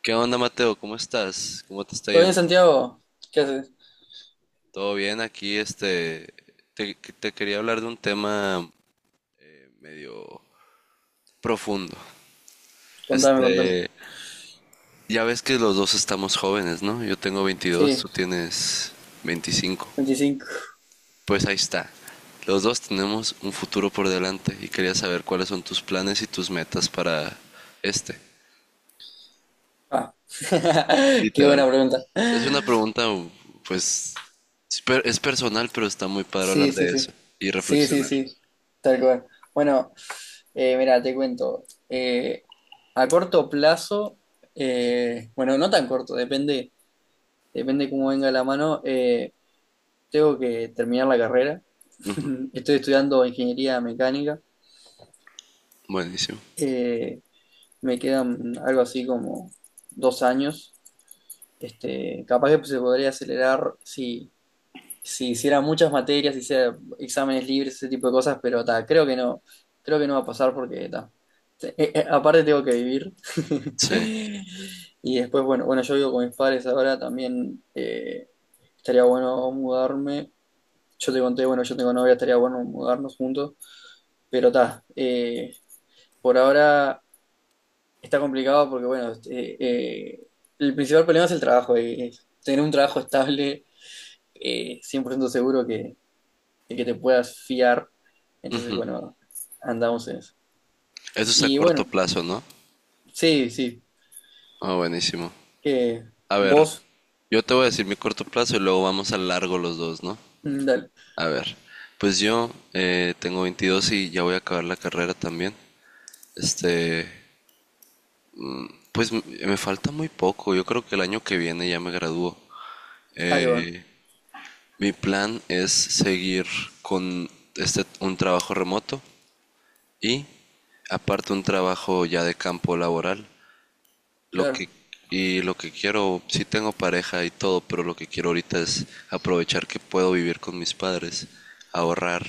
¿Qué onda, Mateo? ¿Cómo estás? ¿Cómo te está ¿Todo bien, yendo? Santiago? ¿Qué haces? ¿Todo bien? Aquí, te quería hablar de un tema medio profundo. Contame, contame. Este, ya ves que los dos estamos jóvenes, ¿no? Yo tengo 22, Sí, tú tienes 25. 25. Pues ahí está. Los dos tenemos un futuro por delante y quería saber cuáles son tus planes y tus metas para este. Ah. Qué buena Literal. pregunta. Es una pregunta, pues, es personal, pero está muy padre hablar Sí, sí, de eso sí. y Sí, sí, reflexionar. sí. Tal cual. Bueno, mira, te cuento. Eh, a corto plazo, bueno, no tan corto, depende cómo venga la mano. Tengo que terminar la carrera. Estoy estudiando ingeniería mecánica. Buenísimo. Eh, Me quedan algo así como 2 años. Este, capaz que se podría acelerar si hiciera muchas materias, si hiciera exámenes libres, ese tipo de cosas, pero ta, creo que no, va a pasar porque ta, aparte tengo que vivir. Sí. Y después, bueno, yo vivo con mis padres ahora, también estaría bueno mudarme. Yo te conté, bueno, yo tengo novia, estaría bueno mudarnos juntos, pero ta, por ahora está complicado porque, bueno, eh, el principal problema es el trabajo, y es tener un trabajo estable 100% seguro, de que te puedas fiar. Entonces, bueno, andamos en eso. Eso es a Y corto bueno, plazo, ¿no? sí, sí. Ah, buenísimo. Que A ver, vos, yo te voy a decir mi corto plazo y luego vamos a largo los dos, ¿no? mm, dale. A ver, pues yo tengo 22 y ya voy a acabar la carrera también. Este, pues me falta muy poco. Yo creo que el año que viene ya me gradúo. Ah, qué bueno. Eh, Mi plan es seguir con un trabajo remoto y aparte un trabajo ya de campo laboral lo Claro. que, y lo que quiero, sí tengo pareja y todo, pero lo que quiero ahorita es aprovechar que puedo vivir con mis padres, ahorrar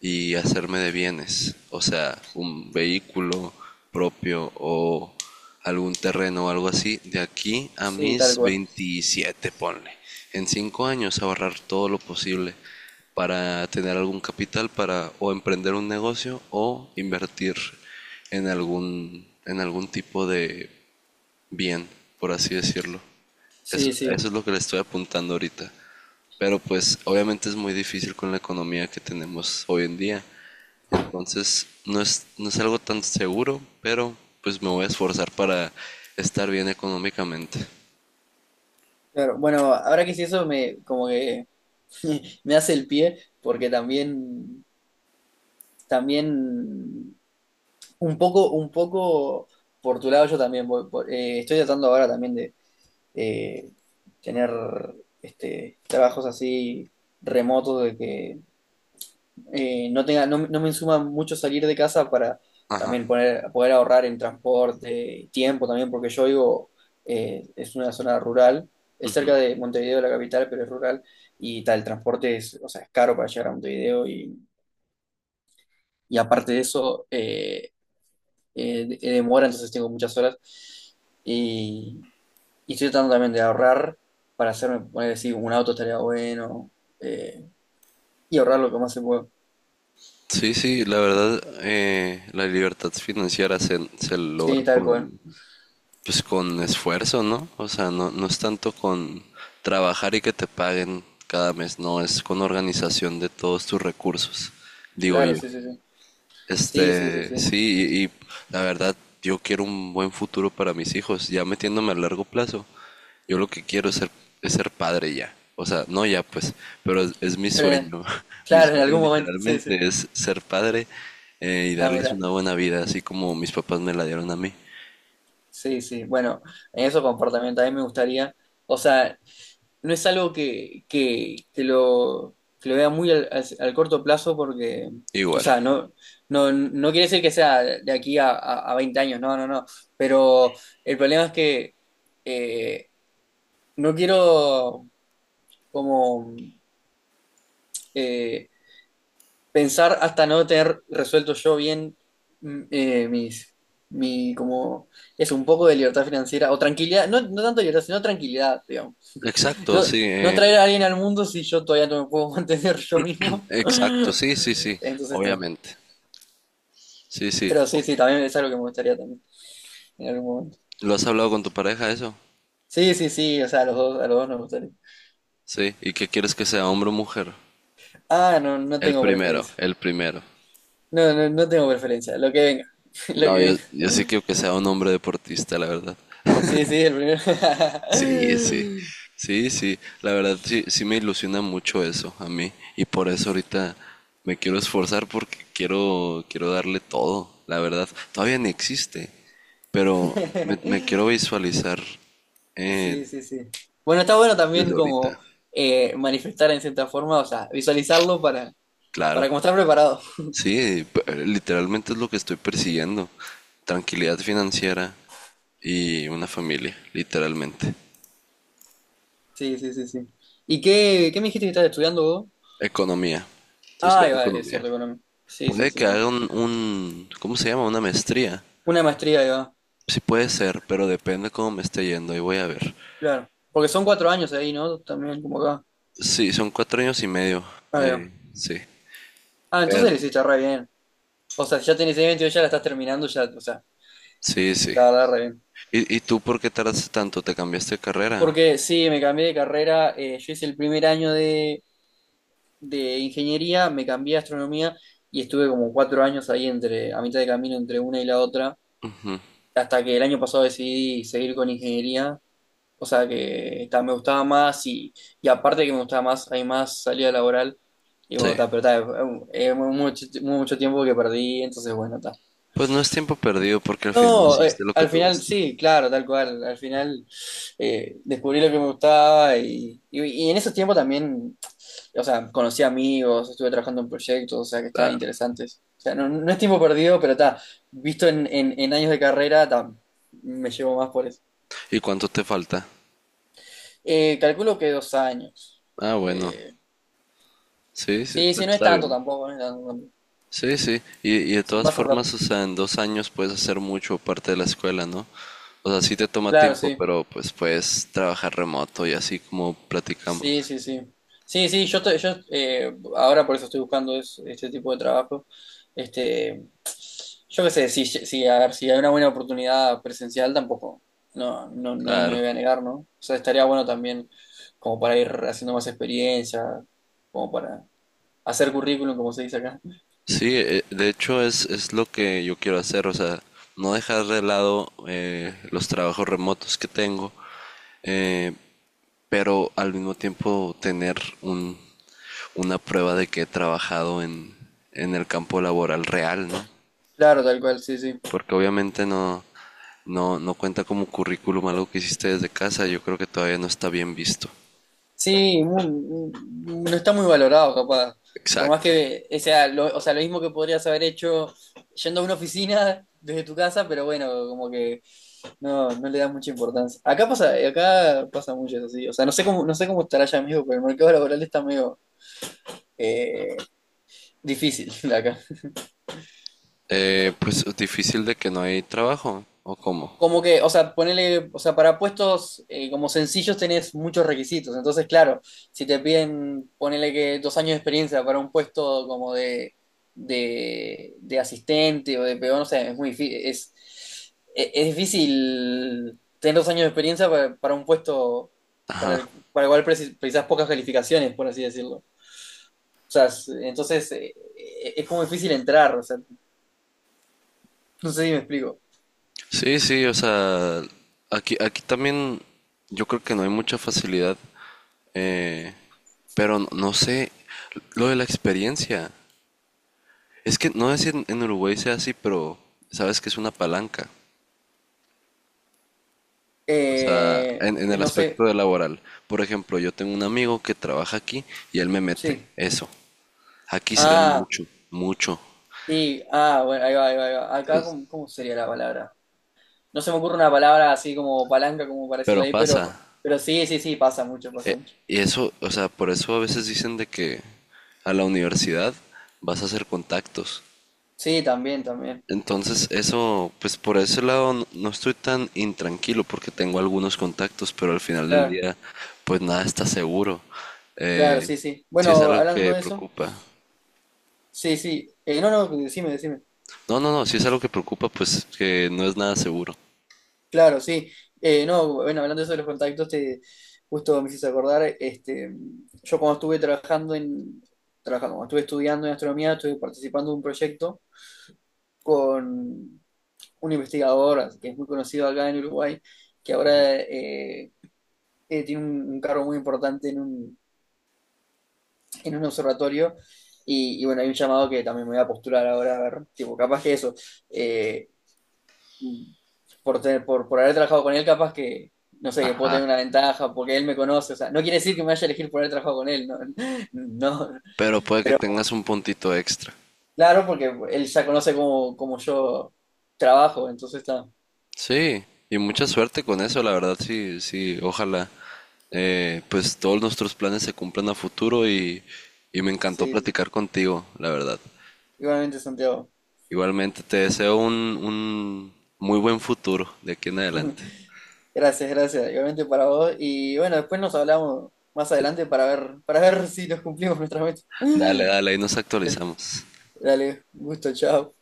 y hacerme de bienes, o sea, un vehículo propio o algún terreno o algo así, de aquí a Sí, tal mis cual. 27 ponle. En 5 años ahorrar todo lo posible para tener algún capital para o emprender un negocio o invertir en algún, tipo de bien, por así decirlo. Es- Sí, sí. eso es lo que le estoy apuntando ahorita. Pero pues obviamente es muy difícil con la economía que tenemos hoy en día. Entonces no es, algo tan seguro, pero pues me voy a esforzar para estar bien económicamente. Claro. Bueno, ahora que sí eso me como que me hace el pie, porque también, un poco por tu lado yo también estoy tratando ahora también de, eh, tener trabajos así remotos de que no tenga, no, no me insuma mucho salir de casa para Ajá. también poder ahorrar en transporte y tiempo también, porque yo digo, es una zona rural, es cerca de Montevideo, la capital, pero es rural, y tal, el transporte es, o sea, es caro para llegar a Montevideo, y aparte de eso, demora, entonces tengo muchas horas. Y, Y estoy tratando también de ahorrar para hacerme, poner decir, un auto estaría bueno. eh, y ahorrar lo que más se pueda. Sí, sí, la verdad, la libertad financiera se logra Sí, tal cual. con, pues, con esfuerzo, ¿no? O sea, no, no es tanto con trabajar y que te paguen cada mes, no, es con organización de todos tus recursos, digo Claro, yo. sí, sí, sí. Sí, sí, sí, sí. Sí, y la verdad, yo quiero un buen futuro para mis hijos, ya metiéndome a largo plazo. Yo lo que quiero es ser, padre ya. O sea, no ya pues, pero es mi Pero, sueño. Mi claro, en sueño algún momento. Sí, sí. literalmente es ser padre y Ah, darles mira. una buena vida, así como mis papás me la dieron a mí. Sí, sí. Bueno, en eso comportamiento a mí me gustaría. O sea, no es algo que, que lo vea muy al corto plazo porque. O Igual. sea, no, no, no quiere decir que sea de aquí a, a 20 años, no, no, no. Pero el problema es que eh, no quiero como eh, pensar hasta no tener resuelto yo bien, mm, eh, mis, mi como es un poco de libertad financiera o tranquilidad, no, no tanto libertad, sino tranquilidad, digamos. Exacto, No, sí, no traer a alguien al mundo si yo todavía no me puedo mantener yo mismo. exacto, sí, sí, sí, Entonces está. obviamente. Sí, sí. Pero sí, sí, también es algo que me gustaría también en algún momento. ¿Lo has hablado con tu pareja eso? Sí, sí, sí, o sea, a los dos nos gustaría. Sí. ¿Y qué quieres que sea, hombre o mujer? Ah, no, no El tengo primero, preferencia. el primero. No, no, no tengo preferencia. Lo que venga. Lo No, yo, que yo sí venga. quiero que sea un hombre deportista, la verdad. Sí, sí, el primero. Sí, sí. Sí, sí. La verdad, sí, sí me ilusiona mucho eso a mí. Y por eso ahorita me quiero esforzar porque quiero, quiero darle todo, la verdad. Todavía ni existe, pero me, quiero visualizar eh, Sí, sí, sí. Bueno, está bueno desde también ahorita. como manifestar en cierta forma, o sea, visualizarlo para, Claro. para como estar preparado. Sí, literalmente es lo que estoy persiguiendo. Tranquilidad financiera y una familia, literalmente. Sí, sí, sí, sí. ¿Y qué me dijiste que estás estudiando vos? Economía. Estoy Ah, ahí estudiando va, es economía. cierto, Colombia. Sí, sí, Puede que sí, sí. haga ¿cómo se llama? Una maestría. Una maestría, ahí va. Sí puede ser, pero depende cómo me esté yendo. Y voy a ver. Claro. Porque son 4 años ahí, ¿no? También como acá. Sí, son cuatro años y medio. Ahí va. Sí. Ah, entonces Pero- le hiciste re bien. O sea, si ya tenés 22, ya la estás terminando, ya, o sea, sí, sí. la verdad, re bien. ¿Y tú por qué tardaste tanto? ¿Te cambiaste de carrera? Porque sí, me cambié de carrera, yo hice el primer año de ingeniería, me cambié a astronomía y estuve como 4 años ahí entre, a mitad de camino entre una y la otra, hasta que el año pasado decidí seguir con ingeniería, o sea que ta, me gustaba más, y aparte de que me gustaba más, hay más salida laboral y Sí. bueno, ta, pero ta, es mucho, mucho tiempo que perdí, entonces bueno, está. Pues no es tiempo perdido porque al final No, decidiste lo que al te final gusta. sí, claro, tal cual. Al final descubrí lo que me gustaba, y en esos tiempos también, o sea, conocí amigos, estuve trabajando en proyectos, o sea, que estaban Claro. interesantes. O sea, no, no es tiempo perdido, pero está, visto en años de carrera, ta, me llevo más por eso. ¿Y cuánto te falta? Calculo que 2 años. Ah, bueno. Eh, Sí, sí, sí, sí, pues no es está tanto bien. tampoco, no es tanto tampoco. Sí, sí. Y de todas Pasa rápido. formas, o sea, en dos años puedes hacer mucho parte de la escuela, ¿no? O sea, sí te toma Claro, tiempo, sí. pero pues puedes trabajar remoto y así como platicamos. Sí, sí, sí. Sí, sí, yo, ahora por eso estoy buscando este tipo de trabajo. Este, yo qué sé, si, a ver, si hay una buena oportunidad presencial, tampoco, no, no, no Claro. me voy a negar, ¿no? O sea, estaría bueno también como para ir haciendo más experiencia, como para hacer currículum, como se dice acá. Sí, de hecho es, lo que yo quiero hacer, o sea, no dejar de lado los trabajos remotos que tengo, eh, pero al mismo tiempo tener un, una prueba de que he trabajado en el campo laboral real, ¿no? Claro, tal cual, sí, sí. Porque obviamente no cuenta como currículum algo que hiciste desde casa, yo creo que todavía no está bien visto. Sí, no está muy valorado, capaz. Por más Exacto. que o sea lo mismo que podrías haber hecho yendo a una oficina desde tu casa, pero bueno, como que no, no le das mucha importancia. Acá pasa mucho eso, sí. O sea, no sé cómo, no sé cómo estará allá, amigo, pero el mercado laboral está medio eh, difícil acá. Pues difícil de que no hay trabajo, ¿o cómo? Como que, o sea, ponele, o sea, para puestos como sencillos tenés muchos requisitos. Entonces, claro, si te piden, ponele que 2 años de experiencia para un puesto como de, de asistente o de peón, o sea, es es difícil tener 2 años de experiencia para, un puesto para Ajá. el cual precisas pocas calificaciones, por así decirlo. O sea, es como difícil entrar, o sea, no sé si me explico. Sí, sí, o sea, aquí, también yo creo que no hay mucha facilidad, eh, pero no, no sé, lo de la experiencia. Es que no sé si en, Uruguay sea así, pero sabes que es una palanca. O sea, Eh, en el no aspecto sé, de laboral. Por ejemplo, yo tengo un amigo que trabaja aquí y él me mete. sí. Eso. Aquí se da Ah. mucho, mucho. Sí, ah, bueno, ahí va, ahí va, ahí va. Acá, Entonces, ¿cómo, sería la palabra? No se me ocurre una palabra así como palanca, como para pero decirla ahí, pero, pasa. Sí, sí, sí, pasa mucho, pasa Eh, mucho. y eso, o sea, por eso a veces dicen de que a la universidad vas a hacer contactos. Sí, también, también. Entonces, eso, pues por ese lado no estoy tan intranquilo porque tengo algunos contactos, pero al final del Claro, día, pues nada está seguro. claro, Eh, sí, sí. si es Bueno, algo hablando que de eso, preocupa. sí, sí. No, no, decime, decime. No, no, no, si es algo que preocupa, pues que no es nada seguro. Claro, sí. No, bueno, hablando de eso de los contactos, te, justo me hiciste acordar, yo cuando estuve cuando estuve estudiando en astronomía, estuve participando de un proyecto con un investigador que es muy conocido acá en Uruguay, que ahora tiene un, cargo muy importante en un observatorio. Y bueno, hay un llamado que también me voy a postular ahora, a ver, tipo, capaz que eso, eh, por haber trabajado con él, capaz que, no sé, que puedo Ajá. tener una ventaja porque él me conoce, o sea, no quiere decir que me vaya a elegir por haber trabajado con él, no, no, Pero puede que pero tengas un puntito extra. claro, porque él ya conoce cómo, yo trabajo, entonces está, Sí, y mucha suerte con eso, la verdad, sí, sí, ojalá. Pues todos nuestros planes se cumplan a futuro y me encantó sí, sí, sí. platicar contigo, la verdad. Igualmente Santiago. Igualmente, te deseo un, muy buen futuro de aquí en adelante. Gracias, gracias. Igualmente para vos. Y bueno, después nos hablamos más Sí. adelante para ver, si nos cumplimos nuestra meta. Dale, dale, ahí nos actualizamos. Dale, un gusto, chao.